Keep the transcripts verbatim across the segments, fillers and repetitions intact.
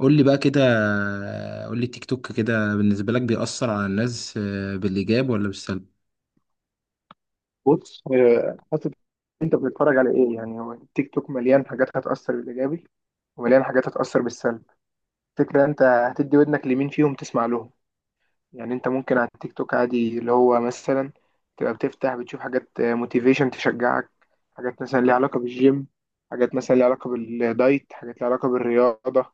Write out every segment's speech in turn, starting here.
قول لي بقى كده. قول لي التيك توك كده بالنسبة لك بيأثر على الناس آه، بالإيجاب ولا بالسلب؟ بص آه، حسب انت بتتفرج على ايه. يعني هو التيك توك مليان حاجات هتأثر بالإيجابي، ومليان حاجات هتأثر بالسلب. فكرة انت هتدي ودنك لمين فيهم تسمع لهم. يعني انت ممكن على التيك توك عادي اللي هو مثلا تبقى بتفتح بتشوف حاجات موتيفيشن تشجعك، حاجات مثلا ليها علاقة بالجيم، حاجات مثلا ليها علاقة بالدايت، حاجات ليها علاقة بالرياضة،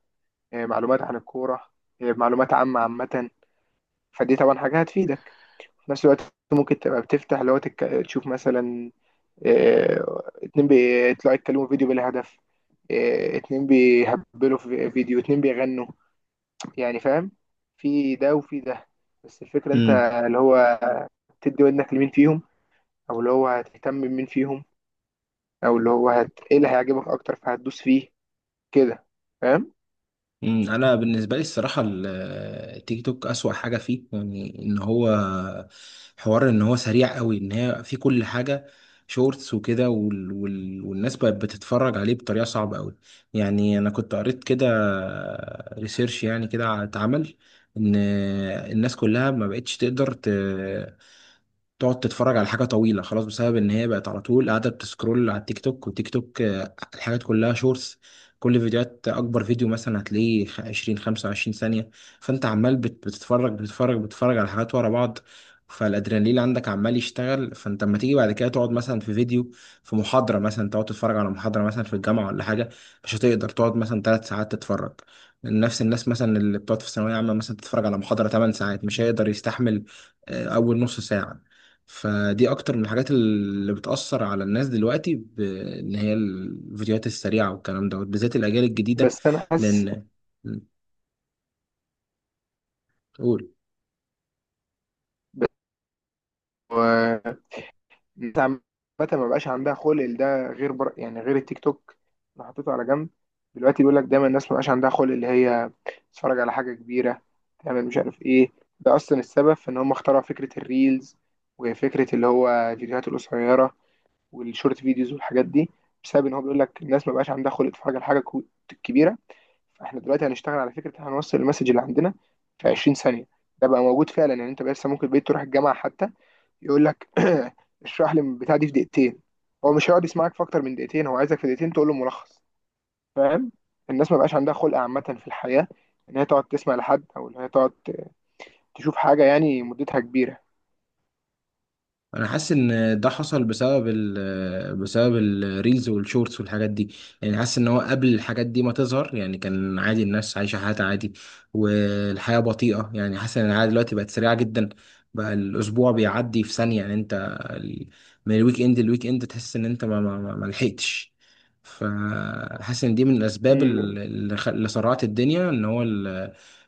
آه، معلومات عن الكورة، آه، معلومات عامة عامة. فدي طبعا حاجة هتفيدك في نفس الوقت. ممكن تبقى بتفتح اللي هو تك... تشوف مثلا آه، اتنين بيطلعوا يتكلموا فيديو بلا هدف، آه، اتنين بيهبلوا في فيديو، اتنين بيغنوا. يعني فاهم؟ في ده وفي ده. بس الفكرة انت امم اللي هو تدي ودنك لمين فيهم، او اللي هو هتهتم بمين فيهم، او اللي هو هت... ايه اللي هيعجبك اكتر فهتدوس فيه. كده. فاهم؟ أمم، أنا بالنسبة لي الصراحة ال- آه، التيك توك أسوأ حاجة فيه، يعني إن هو حوار إن هو سريع قوي، إن هي في كل حاجة شورتس وكده وال... وال... والناس بقت بتتفرج عليه بطريقة صعبة قوي. يعني أنا كنت قريت كده ريسيرش يعني كده اتعمل إن آه، الناس كلها ما بقتش تقدر ت... تقعد تتفرج على حاجة طويلة خلاص، بسبب إن هي بقت على طول قاعدة بتسكرول على التيك توك، والتيك توك آه، الحاجات كلها شورتس. كل فيديوهات أكبر فيديو مثلا هتلاقيه خ- عشرين خمسة وعشرين ثانية. فأنت عمال بت- بتتفرج بتتفرج بتتفرج على حاجات ورا بعض، فالأدرينالين عندك عمال يشتغل. فأنت لما تيجي بعد كده تقعد مثلا في فيديو، في محاضرة مثلا، تقعد تتفرج على محاضرة مثلا في الجامعة ولا حاجة، مش هتقدر تقعد مثلا ثلاث ساعات تتفرج. نفس الناس مثلا اللي بتقعد في الثانوية عامة مثلا تتفرج على محاضرة ثماني ساعات مش هيقدر يستحمل آه، أول نص ساعة. فدي اكتر من الحاجات اللي بتأثر على الناس دلوقتي، بان هي الفيديوهات السريعة والكلام دوت، بالذات الاجيال الجديدة. بس انا حاسس لان قول. الناس عامة ما بقاش عندها خلق لده غير بر... يعني غير التيك توك. انا حطيته على جنب. دلوقتي بيقول لك دايما الناس ما بقاش عندها خلق اللي هي تتفرج على حاجة كبيرة، تعمل مش عارف ايه. ده اصلا السبب في ان هم اخترعوا فكرة الريلز وفكرة اللي هو الفيديوهات القصيرة والشورت فيديوز والحاجات دي، بسبب ان هو بيقول لك الناس ما بقاش عندها خلق تتفرج على حاجة كو- كبيرة. فاحنا دلوقتي هنشتغل على فكره إن إحنا هنوصل المسج اللي عندنا في عشرين ثانيه. ده بقى موجود فعلا. يعني انت بس ممكن بقيت تروح الجامعه حتى، يقول لك اشرح لي البتاع دي في دقيقتين. هو مش هيقعد يسمعك في اكتر من دقيقتين، هو عايزك في دقيقتين تقول له ملخص. فاهم؟ الناس ما بقاش عندها خلق عامه في الحياه، ان هي تقعد تسمع لحد او ان هي تقعد تشوف حاجه يعني مدتها كبيره. انا حاسس ان ده حصل بسبب ال بسبب الريلز والشورتس والحاجات دي. يعني حاسس ان هو قبل الحاجات دي ما تظهر، يعني كان عادي الناس عايشه حياتها عادي والحياه بطيئه. يعني حاسس ان العاده دلوقتي بقت سريعه جدا، بقى الاسبوع بيعدي في ثانيه. يعني انت ال- من الويك اند للويك اند تحس ان انت ما ما ما ما لحقتش. فحاسس ان دي من الاسباب امم ال- اللي خ- اللي سرعت الدنيا، ان هو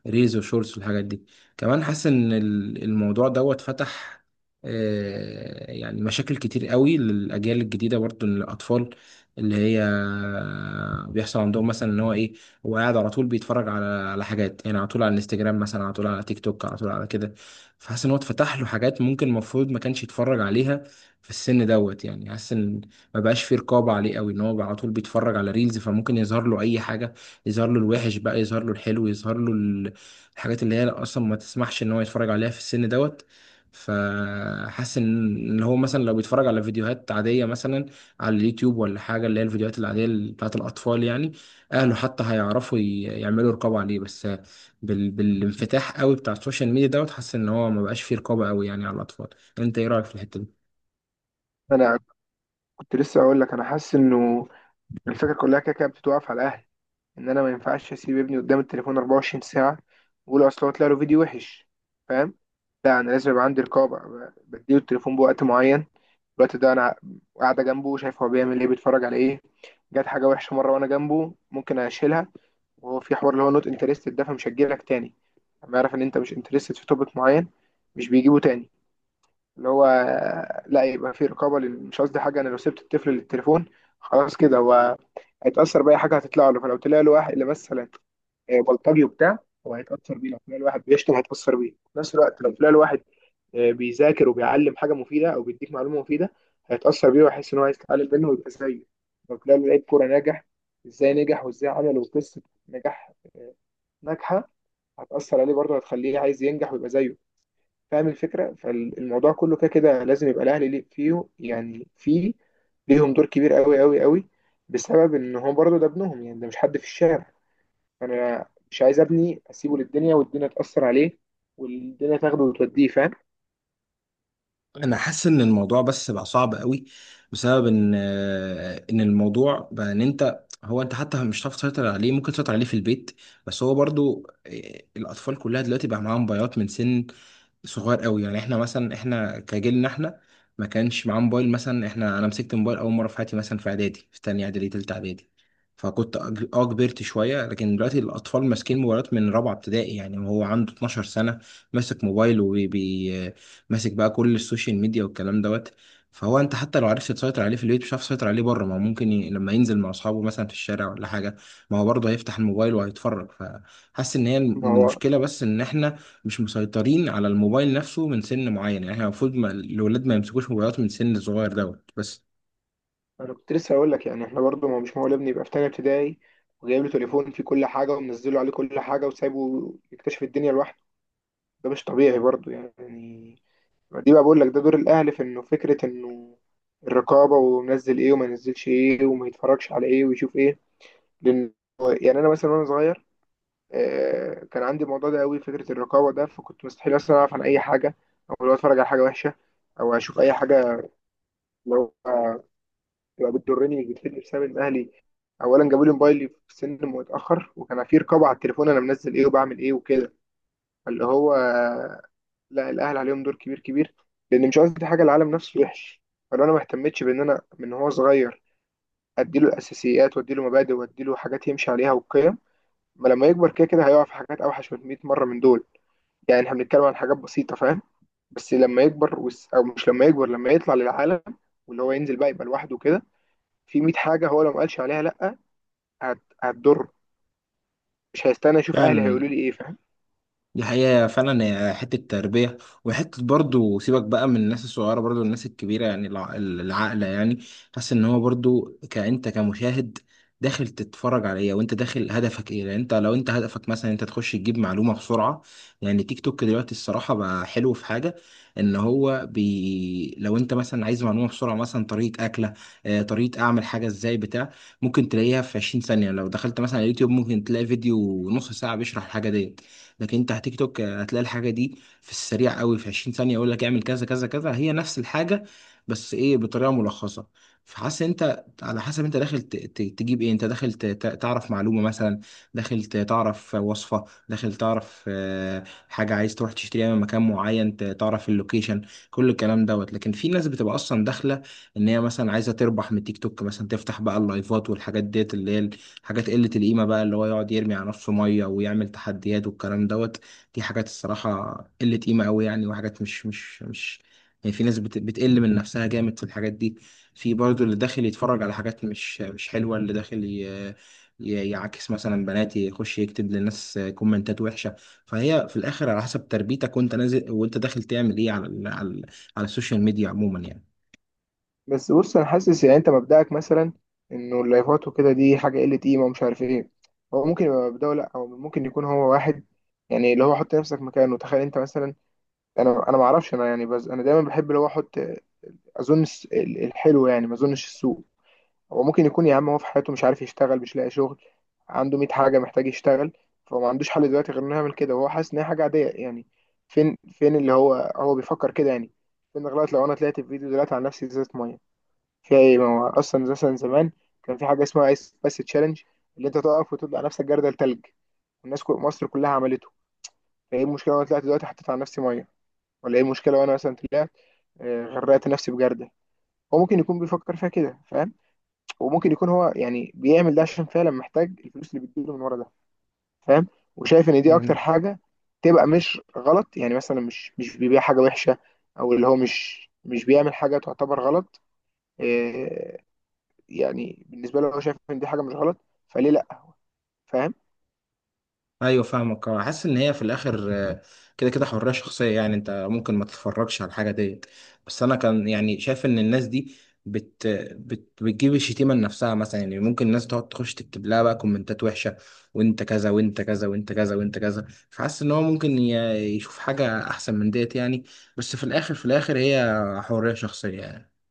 الريلز والشورتس والحاجات دي. كمان حاسس ان ال- الموضوع دوت فتح آه، يعني مشاكل كتير قوي للأجيال الجديدة، برضه للأطفال، اللي هي بيحصل عندهم مثلا إن هو إيه. هو قاعد على طول بيتفرج على على حاجات، يعني على طول على الانستجرام مثلا، على طول على تيك توك، على طول على كده. فحاسس إن هو اتفتح له حاجات ممكن المفروض ما كانش يتفرج عليها في السن دوت. يعني حاسس إن ما بقاش فيه رقابة عليه قوي، إن هو بقى على طول بيتفرج على ريلز فممكن يظهر له أي حاجة. يظهر له الوحش بقى، يظهر له الحلو، يظهر له ال- الحاجات اللي هي أصلا ما تسمحش إن هو يتفرج عليها في السن دوت. فحاسس ان إن هو مثلا لو بيتفرج على فيديوهات عاديه مثلا على اليوتيوب ولا حاجه، اللي هي الفيديوهات العاديه اللي بتاعت الاطفال يعني، اهله حتى هيعرفوا ي- يعملوا رقابه عليه. بس بال... بالانفتاح قوي بتاع السوشيال ميديا دوت، حاسس ان هو ما بقاش فيه رقابه قوي يعني على الاطفال. انت ايه رايك في الحته دي؟ انا كنت لسه اقول لك، انا حاسس انه الفكره كلها كده كده بتتوقف على الاهل. ان انا ما ينفعش اسيب ابني قدام التليفون أربعة وعشرين ساعه، واقول اصل هو طلع له فيديو وحش. فاهم؟ لا انا لازم يبقى عندي رقابه، ب- بديله التليفون بوقت معين. الوقت ده انا قاعده جنبه شايف هو بيعمل ايه، بيتفرج على ايه. جت حاجه وحشه مره وانا جنبه ممكن اشيلها، وهو في حوار اللي هو نوت انترستد ده فمش هجيلك تاني. لما يعرف ان انت مش انترستد في توبيك معين، مش بيجيبه تاني. اللي هو لا يبقى في رقابه لل- مش قصدي حاجه، انا لو سبت الطفل للتليفون خلاص كده هو هيتأثر بأي حاجة هتطلع له. فلو طلع له واحد مثلا آه، بلطجي وبتاع، هو هيتأثر بيه. لو تلاقي الواحد بيشتم هيتأثر بيه. في نفس الوقت لو تلاقي الواحد آه، بيذاكر وبيعلم حاجة مفيدة أو بيديك معلومة مفيدة، هيتأثر بيه، ويحس إن هو عايز يتعلم منه ويبقى زيه. لو تلاقي لعيب كورة ناجح إزاي نجح وإزاي عمل وقصة نجاح ناجحة، هتأثر عليه برضه، هتخليه عايز ينجح ويبقى زيه. فاهم الفكرة؟ فالموضوع كله كده كده لازم يبقى الأهلي ليه- فيه، يعني فيه ليهم دور كبير قوي قوي قوي، بسبب إن هو برضه ده ابنهم. يعني ده مش حد في الشارع. انا مش عايز ابني اسيبه للدنيا والدنيا تاثر عليه والدنيا تاخده وتوديه. فاهم؟ انا حاسس ان الموضوع بس بقى صعب قوي، بسبب ان آه، ان الموضوع بقى ان انت هو انت حتى مش هتعرف تسيطر عليه. ممكن تسيطر عليه في البيت، بس هو برضو إيه، الاطفال كلها دلوقتي بقى معاها موبايلات من سن صغير قوي. يعني احنا مثلا، احنا كجيلنا، احنا ما كانش معاه موبايل مثلا. احنا انا مسكت موبايل اول مره في حياتي مثلا في اعدادي، في تانية اعدادي، تالتة اعدادي. فكنت أج- اه كبرت شويه، لكن دلوقتي الاطفال ماسكين موبايلات من رابعه ابتدائي يعني، وهو عنده اتناشر سنه ماسك موبايل وبي ماسك بقى كل السوشيال ميديا والكلام دوت. فهو انت حتى لو عرفت تسيطر عليه في البيت، مش عارف تسيطر عليه بره. ما هو ممكن ي... لما ينزل مع اصحابه مثلا في الشارع ولا حاجه، ما هو برضه هيفتح الموبايل وهيتفرج. فحاسس ان هي ما هو المشكله بس ان احنا مش مسيطرين على الموبايل نفسه من سن معين. يعني احنا المفروض ما... الولاد ما يمسكوش موبايلات من سن صغير دوت بس. انا كنت لسه هقول لك، يعني احنا برضو ما هو مش معقول ابني يبقى في تانية ابتدائي وجايب له تليفون فيه كل حاجه ومنزله عليه كل حاجه وسايبه يكتشف الدنيا لوحده. ده مش طبيعي برضو يعني. دي بقى بقول لك ده دور الاهل في انه فكره انه الرقابه، ومنزل ايه وما ينزلش ايه وما يتفرجش على ايه ويشوف ايه. لان يعني انا مثلا وانا صغير آه، كان عندي الموضوع ده قوي، فكره الرقابه ده. فكنت مستحيل اصلا اعرف عن اي حاجه او لو اتفرج على حاجه وحشه او اشوف اي حاجه لو آه، تبقى بتضرني مش بتفيدني، بسبب ان اهلي اولا جابوا لي موبايلي في سن متاخر، وكان في رقابه على التليفون انا منزل ايه وبعمل ايه وكده. اللي هو آه، لا الاهل عليهم دور كبير كبير، لان مش قصدي حاجه العالم نفسه وحش. فلو انا ما اهتمتش بان انا من هو صغير اديله الاساسيات واديله مبادئ واديله حاجات يمشي عليها وقيم، ما لما يكبر كده كده هيقع في حاجات اوحش من مئة مره من دول. يعني احنا بنتكلم عن حاجات بسيطة. فاهم؟ بس لما يكبر وس... او مش لما يكبر لما يطلع للعالم واللي هو ينزل بقى يبقى لوحده كده، في مية حاجة هو لو ما قالش عليها لا هت... هتضر. مش هيستنى اشوف اهلي فعلا، هيقولوا لي ايه. فاهم؟ دي حقيقة. فعلا هي حتة تربية وحتة، برضو سيبك بقى من الناس الصغيرة، برضو الناس الكبيرة، يعني الع- العقلة يعني. حاسس ان هو برضو كأنت كمشاهد، داخل تتفرج على ايه وانت داخل هدفك ايه. لان انت لو انت هدفك مثلا انت تخش تجيب معلومة بسرعة، يعني تيك توك دلوقتي الصراحة بقى حلو في حاجة، ان هو بي لو انت مثلا عايز معلومة بسرعة، مثلا طريقة اكلة آه، طريقة اعمل حاجة ازاي بتاع، ممكن تلاقيها في عشرين ثانية. لو دخلت مثلا على يوتيوب ممكن تلاقي فيديو نص ساعة بيشرح الحاجة دي، لكن انت على تيك توك هتلاقي الحاجه دي في السريع قوي، في عشرين ثانيه يقول لك اعمل كذا كذا كذا. هي نفس الحاجه بس ايه، بطريقه ملخصه. فحاسس انت على حسب انت داخل ت- ت- تجيب ايه، انت داخل ت- ت- تعرف معلومه مثلا، داخل ت- تعرف وصفه، داخل تعرف آه، حاجه عايز تروح تشتريها من مكان معين، ت- تعرف اللوكيشن، كل الكلام دوت. لكن في ناس بتبقى اصلا داخله ان هي مثلا عايزه تربح من تيك توك مثلا، تفتح بقى اللايفات والحاجات ديت اللي هي حاجات قلة القيمة بقى، اللي هو يقعد يرمي على نفسه مية ويعمل تحديات والكلام دوت. دي حاجات الصراحة قلة قيمة أوي يعني، وحاجات مش مش مش يعني، في ناس بت- بتقل من نفسها جامد في الحاجات دي. في برضه اللي داخل يتفرج على حاجات مش مش حلوة، اللي داخل ي- ي- يعاكس مثلا بنات، يخش يكتب للناس كومنتات وحشة. فهي في الآخر على حسب تربيتك، وأنت نازل وأنت داخل تعمل إيه على ال- على ال- على السوشيال ميديا عموما بس بص انا حاسس يعني انت مبدأك مثلا انه اللايفات وكده دي حاجة قلة قيمة ومش عارف ايه، هو ممكن يبقى مبدأه لا. هو ممكن يكون هو واحد يعني اللي هو، حط نفسك مكانه تخيل انت مثلا، انا انا ما اعرفش انا يعني، بس انا دايما بحب اللي هو احط اظن الس- الحلو يعني ما اظنش السوء. هو ممكن يكون يا عم هو في حياته مش عارف يشتغل، مش لاقي شغل، عنده مية حاجة محتاج يشتغل، فهو ما عندوش حل دلوقتي غير انه يعمل كده. وهو حاسس ان هي حاجة عادية يعني. فين فين اللي هو هو بيفكر كده يعني؟ فين غلط لو انا طلعت في فيديو دلوقتي عن نفسي ازازة مية؟ فيها ايه؟ ما هو اصلا مثلا زمان كان في حاجة اسمها ايس بس تشالنج، اللي انت تقف وتقول على نفسك جردل تلج، والناس كل مصر كلها عملته. فايه المشكلة وانا طلعت دلوقتي حطيت على نفسي مية؟ ولا ايه المشكلة وانا مثلا طلعت آه، غرقت نفسي بجردل؟ هو ممكن يكون بيفكر فيها كده. فاهم؟ وممكن يكون هو يعني بيعمل ده عشان فعلا محتاج الفلوس اللي بتجيله من ورا ده. فاهم؟ وشايف ان دي اكتر يعني. حاجه، تبقى مش غلط. يعني مثلا مش مش بيبيع حاجه وحشه، او اللي هو مش مش بيعمل حاجه تعتبر غلط. إيه، يعني بالنسبه له هو شايف ان دي حاجه مش غلط، فليه لا؟ فاهم؟ ايوه فاهمك، اه حاسس ان هي في الاخر آه، كده كده حريه شخصيه يعني. انت ممكن ما تتفرجش على الحاجه ديت، بس انا كان يعني شايف ان الناس دي بت بت بتجيب الشتيمه لنفسها مثلا يعني. ممكن الناس تقعد تخش تكتب لها بقى كومنتات وحشه، وانت كذا وانت كذا وانت كذا وانت كذا. فحاسس ان هو ممكن ي- يشوف حاجه احسن من ديت يعني. بس في الاخر، في الاخر، هي حريه شخصيه يعني.